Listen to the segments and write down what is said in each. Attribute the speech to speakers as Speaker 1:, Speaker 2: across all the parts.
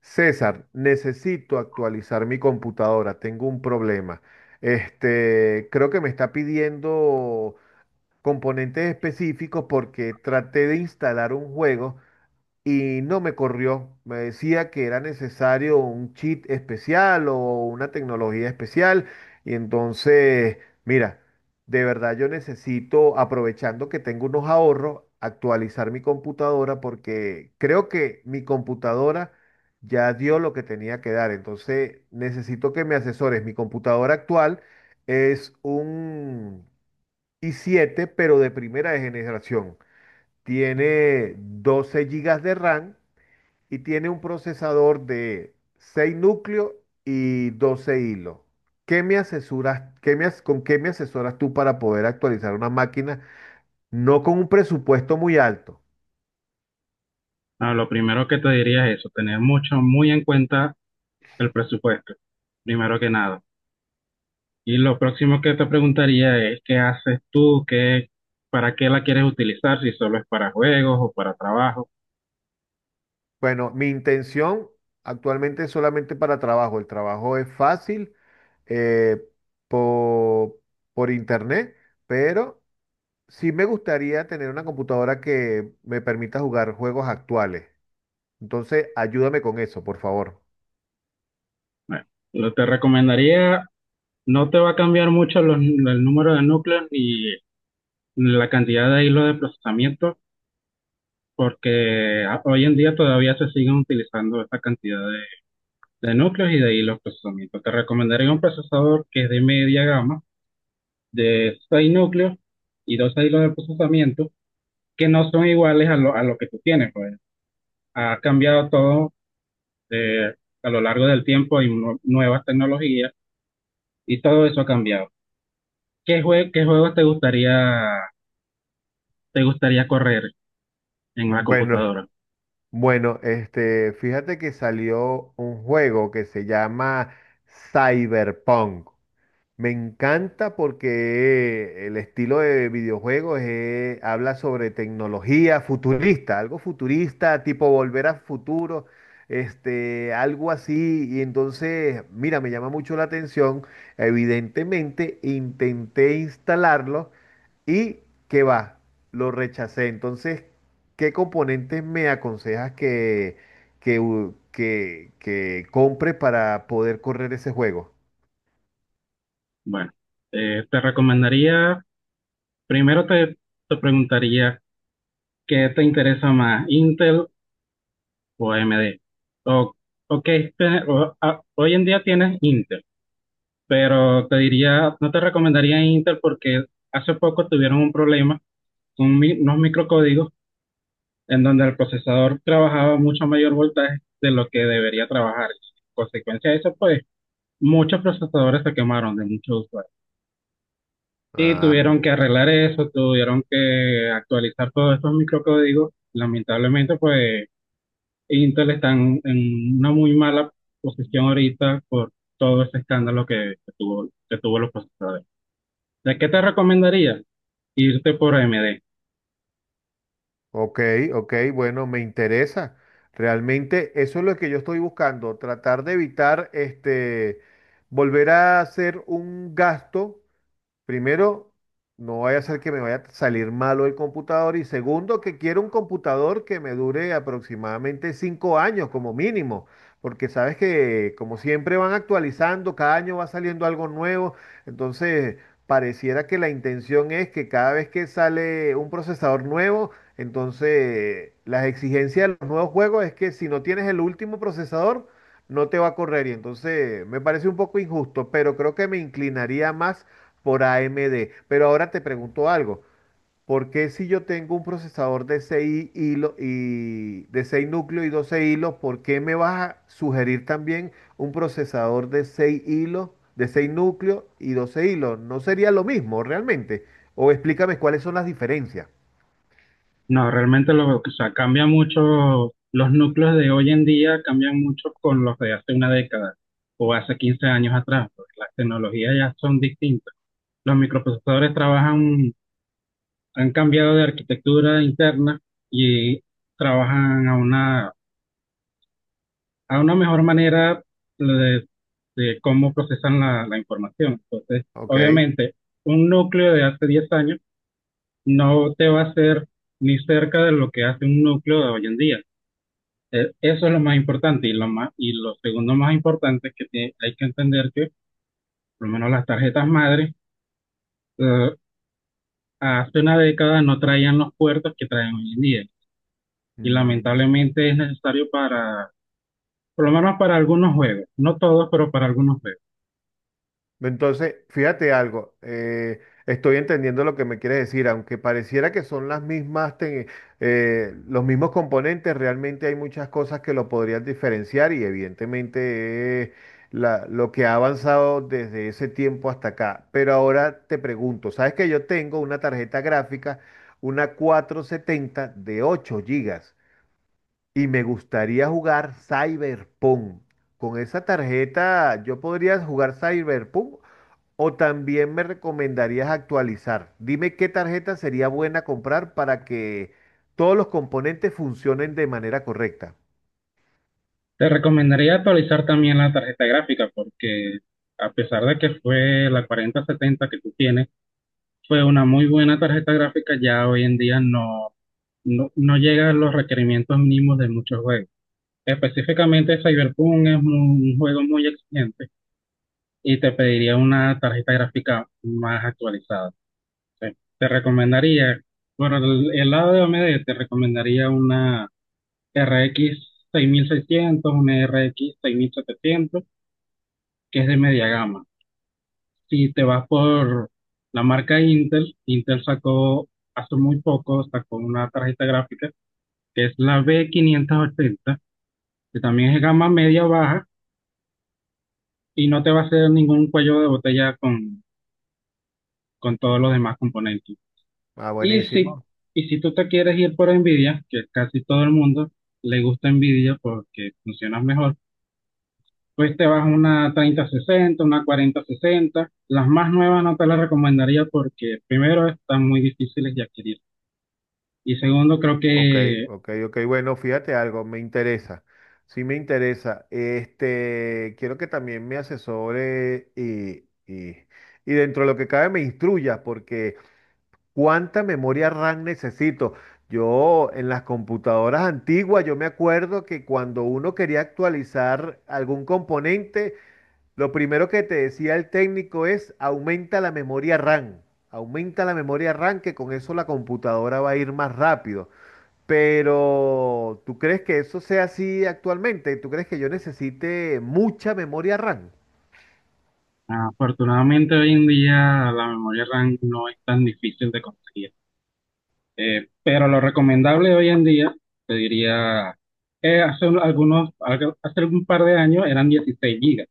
Speaker 1: César, necesito actualizar mi computadora, tengo un problema. Este, creo que me está pidiendo componentes específicos porque traté de instalar un juego y no me corrió. Me decía que era necesario un cheat especial o una tecnología especial. Y entonces, mira, de verdad yo necesito, aprovechando que tengo unos ahorros, actualizar mi computadora porque creo que mi computadora ya dio lo que tenía que dar. Entonces necesito que me asesores. Mi computadora actual es un i7 pero de primera generación. Tiene 12 gigas de RAM y tiene un procesador de 6 núcleos y 12 hilos. ¿Qué me asesoras, con qué me asesoras tú para poder actualizar una máquina no con un presupuesto muy alto?
Speaker 2: No, lo primero que te diría es eso, tener mucho, muy en cuenta el presupuesto, primero que nada. Y lo próximo que te preguntaría es, ¿qué haces tú? ¿Qué, para qué la quieres utilizar? Si solo es para juegos o para trabajo.
Speaker 1: Bueno, mi intención actualmente es solamente para trabajo. El trabajo es fácil eh, po- por, internet, pero sí me gustaría tener una computadora que me permita jugar juegos actuales. Entonces, ayúdame con eso, por favor.
Speaker 2: Bueno, lo te recomendaría, no te va a cambiar mucho el número de núcleos ni la cantidad de hilos de procesamiento, porque hoy en día todavía se siguen utilizando esta cantidad de núcleos y de hilos de procesamiento. Te recomendaría un procesador que es de media gama, de seis núcleos y dos hilos de procesamiento que no son iguales a lo que tú tienes. Pues, ha cambiado todo, eh, a lo largo del tiempo, hay nuevas tecnologías y todo eso ha cambiado. ¿Qué, qué juegos te gustaría correr en la
Speaker 1: Bueno,
Speaker 2: computadora?
Speaker 1: bueno, este, fíjate que salió un juego que se llama Cyberpunk. Me encanta porque el estilo de videojuegos habla sobre tecnología futurista, algo futurista, tipo volver a futuro, este, algo así. Y entonces, mira, me llama mucho la atención. Evidentemente, intenté instalarlo y que va, lo rechacé. Entonces, ¿qué componentes me aconsejas que compre para poder correr ese juego?
Speaker 2: Bueno, te recomendaría, primero te, te preguntaría qué te interesa más, Intel o AMD. O, o qué hoy en día tienes Intel, pero te diría, no te recomendaría Intel porque hace poco tuvieron un problema con unos microcódigos en donde el procesador trabajaba mucho mayor voltaje de lo que debería trabajar. En consecuencia de eso, pues muchos procesadores se quemaron de muchos usuarios. Y
Speaker 1: Ah,
Speaker 2: tuvieron que arreglar eso, tuvieron que actualizar todos estos microcódigos. Lamentablemente, pues Intel está en una muy mala posición ahorita por todo ese escándalo que tuvo los procesadores. ¿De qué te recomendaría? Irte por AMD.
Speaker 1: ok, ok, bueno, me interesa. Realmente eso es lo que yo estoy buscando, tratar de evitar este, volver a hacer un gasto. Primero, no vaya a ser que me vaya a salir malo el computador. Y segundo, que quiero un computador que me dure aproximadamente 5 años como mínimo. Porque sabes que como siempre van actualizando, cada año va saliendo algo nuevo. Entonces, pareciera que la intención es que cada vez que sale un procesador nuevo, entonces las exigencias de los nuevos juegos es que si no tienes el último procesador, no te va a correr. Y entonces me parece un poco injusto, pero creo que me inclinaría más por AMD. Pero ahora te pregunto algo. ¿Por qué si yo tengo un procesador de 6 núcleos y 12 hilos, ¿por qué me vas a sugerir también un procesador de 6 hilos, de 6 núcleos y 12 hilos? ¿No sería lo mismo realmente? O explícame cuáles son las diferencias.
Speaker 2: No, realmente o sea, cambia mucho, los núcleos de hoy en día cambian mucho con los de hace una década o hace 15 años atrás, porque las tecnologías ya son distintas. Los microprocesadores trabajan, han cambiado de arquitectura interna y trabajan a a una mejor manera de, de cómo procesan la información. Entonces,
Speaker 1: Ok.
Speaker 2: obviamente, un núcleo de hace 10 años no te va a hacer ni cerca de lo que hace un núcleo de hoy en día. Eso es lo más importante y lo más, y lo segundo más importante es que hay que entender que por lo menos las tarjetas madre, eh, hace una década no traían los puertos que traen hoy en día, y
Speaker 1: Mm.
Speaker 2: lamentablemente es necesario para, por lo menos para algunos juegos, no todos, pero para algunos juegos.
Speaker 1: Entonces, fíjate algo, estoy entendiendo lo que me quieres decir, aunque pareciera que son las mismas, los mismos componentes, realmente hay muchas cosas que lo podrían diferenciar y evidentemente es lo que ha avanzado desde ese tiempo hasta acá. Pero ahora te pregunto, ¿sabes que yo tengo una tarjeta gráfica, una 4070 de 8 gigas y me gustaría jugar Cyberpunk? Con esa tarjeta yo podría jugar Cyberpunk o también me recomendarías actualizar. Dime qué tarjeta sería buena comprar para que todos los componentes funcionen de manera correcta.
Speaker 2: Te recomendaría actualizar también la tarjeta gráfica porque, a pesar de que fue la 4070 que tú tienes, fue una muy buena tarjeta gráfica, ya hoy en día no no llega a los requerimientos mínimos de muchos juegos. Específicamente Cyberpunk es un juego muy exigente y te pediría una tarjeta gráfica más actualizada. Te recomendaría, por el lado de AMD, te recomendaría una RX 6600, una RX 6700, que es de media gama. Si te vas por la marca Intel, Intel sacó hace muy poco, sacó una tarjeta gráfica que es la B580, que también es gama media baja y no te va a hacer ningún cuello de botella con todos los demás componentes.
Speaker 1: Ah,
Speaker 2: Y si,
Speaker 1: buenísimo.
Speaker 2: y si tú te quieres ir por Nvidia, que casi todo el mundo le gusta Nvidia porque funciona mejor, pues te vas a una 3060, una 4060. Las más nuevas no te las recomendaría porque primero están muy difíciles de adquirir y segundo creo
Speaker 1: Ok,
Speaker 2: que
Speaker 1: ok, ok. Bueno, fíjate algo, me interesa. Sí me interesa. Este, quiero que también me asesore y dentro de lo que cabe me instruya, porque ¿cuánta memoria RAM necesito? Yo en las computadoras antiguas, yo me acuerdo que cuando uno quería actualizar algún componente, lo primero que te decía el técnico es aumenta la memoria RAM, aumenta la memoria RAM que con eso la computadora va a ir más rápido. Pero ¿tú crees que eso sea así actualmente? ¿Tú crees que yo necesite mucha memoria RAM?
Speaker 2: afortunadamente hoy en día la memoria RAM no es tan difícil de conseguir. Pero lo recomendable hoy en día, te diría, hace hace un par de años eran 16 gigas.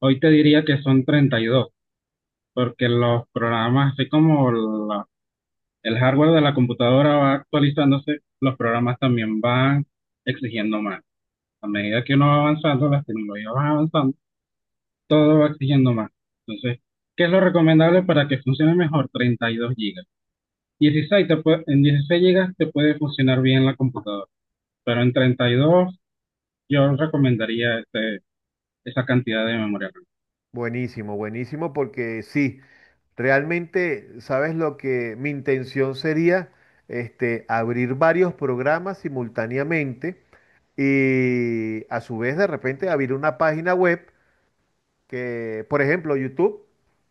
Speaker 2: Hoy te diría que son 32, porque los programas, así como el hardware de la computadora va actualizándose, los programas también van exigiendo más. A medida que uno va avanzando, las tecnologías van avanzando, todo va exigiendo más. Entonces, ¿qué es lo recomendable para que funcione mejor? 32 gigas. En 16 gigas te puede funcionar bien la computadora, pero en 32 yo recomendaría este, esa cantidad de memoria RAM.
Speaker 1: Buenísimo, buenísimo, porque sí, realmente, ¿sabes lo que mi intención sería? Este, abrir varios programas simultáneamente y a su vez de repente abrir una página web que, por ejemplo, YouTube,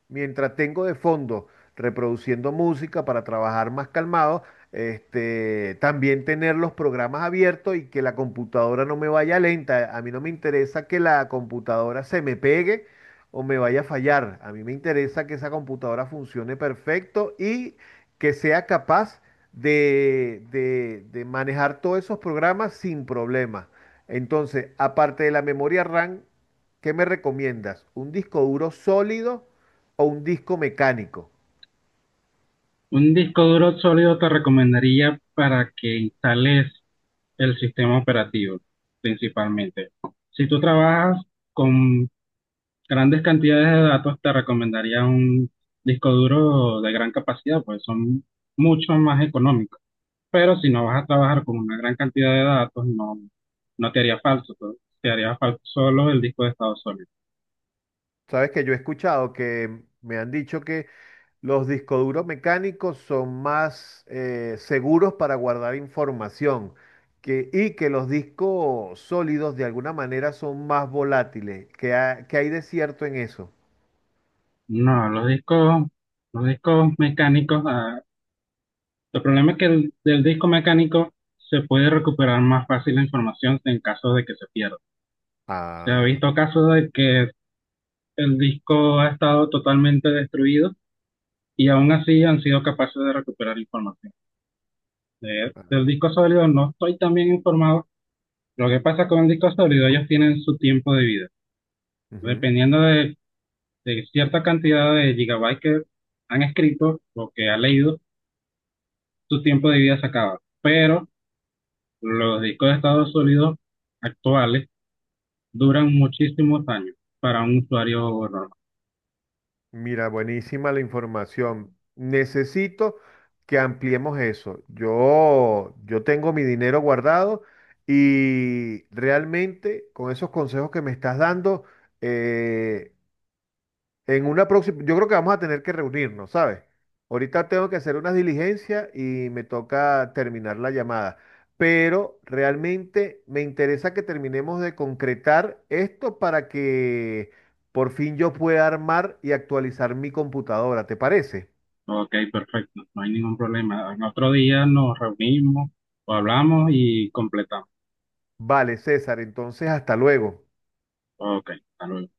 Speaker 1: mientras tengo de fondo reproduciendo música para trabajar más calmado, este, también tener los programas abiertos y que la computadora no me vaya lenta. A mí no me interesa que la computadora se me pegue o me vaya a fallar. A mí me interesa que esa computadora funcione perfecto y que sea capaz de manejar todos esos programas sin problemas. Entonces, aparte de la memoria RAM, ¿qué me recomiendas? ¿Un disco duro sólido o un disco mecánico?
Speaker 2: Un disco duro sólido te recomendaría para que instales el sistema operativo principalmente. Si tú trabajas con grandes cantidades de datos, te recomendaría un disco duro de gran capacidad, pues son mucho más económicos. Pero si no vas a trabajar con una gran cantidad de datos, no te haría falso, pues, te haría falso solo el disco de estado sólido.
Speaker 1: Sabes que yo he escuchado que me han dicho que los discos duros mecánicos son más seguros para guardar información y que los discos sólidos de alguna manera son más volátiles. ¿Qué, qué hay de cierto en eso?
Speaker 2: No, los discos mecánicos, ah, el problema es que del disco mecánico se puede recuperar más fácil la información en caso de que se pierda. Se ha
Speaker 1: Ah,
Speaker 2: visto casos de que el disco ha estado totalmente destruido y aún así han sido capaces de recuperar información. De-
Speaker 1: ah,
Speaker 2: del disco sólido no estoy tan bien informado. Lo que pasa con el disco sólido, ellos tienen su tiempo de vida.
Speaker 1: ujú.
Speaker 2: Dependiendo de cierta cantidad de gigabytes que han escrito o que ha leído, su tiempo de vida se acaba. Pero los discos de estado sólido actuales duran muchísimos años para un usuario normal.
Speaker 1: Mira, buenísima la información. Necesito que ampliemos eso. Yo tengo mi dinero guardado y realmente con esos consejos que me estás dando, eh, en una próxima, yo creo que vamos a tener que reunirnos, ¿sabes? Ahorita tengo que hacer unas diligencias y me toca terminar la llamada. Pero realmente me interesa que terminemos de concretar esto para que por fin yo pueda armar y actualizar mi computadora, ¿te parece?
Speaker 2: Ok, perfecto, no hay ningún problema. En otro día nos reunimos o hablamos y completamos.
Speaker 1: Vale, César, entonces hasta luego.
Speaker 2: Ok, hasta luego.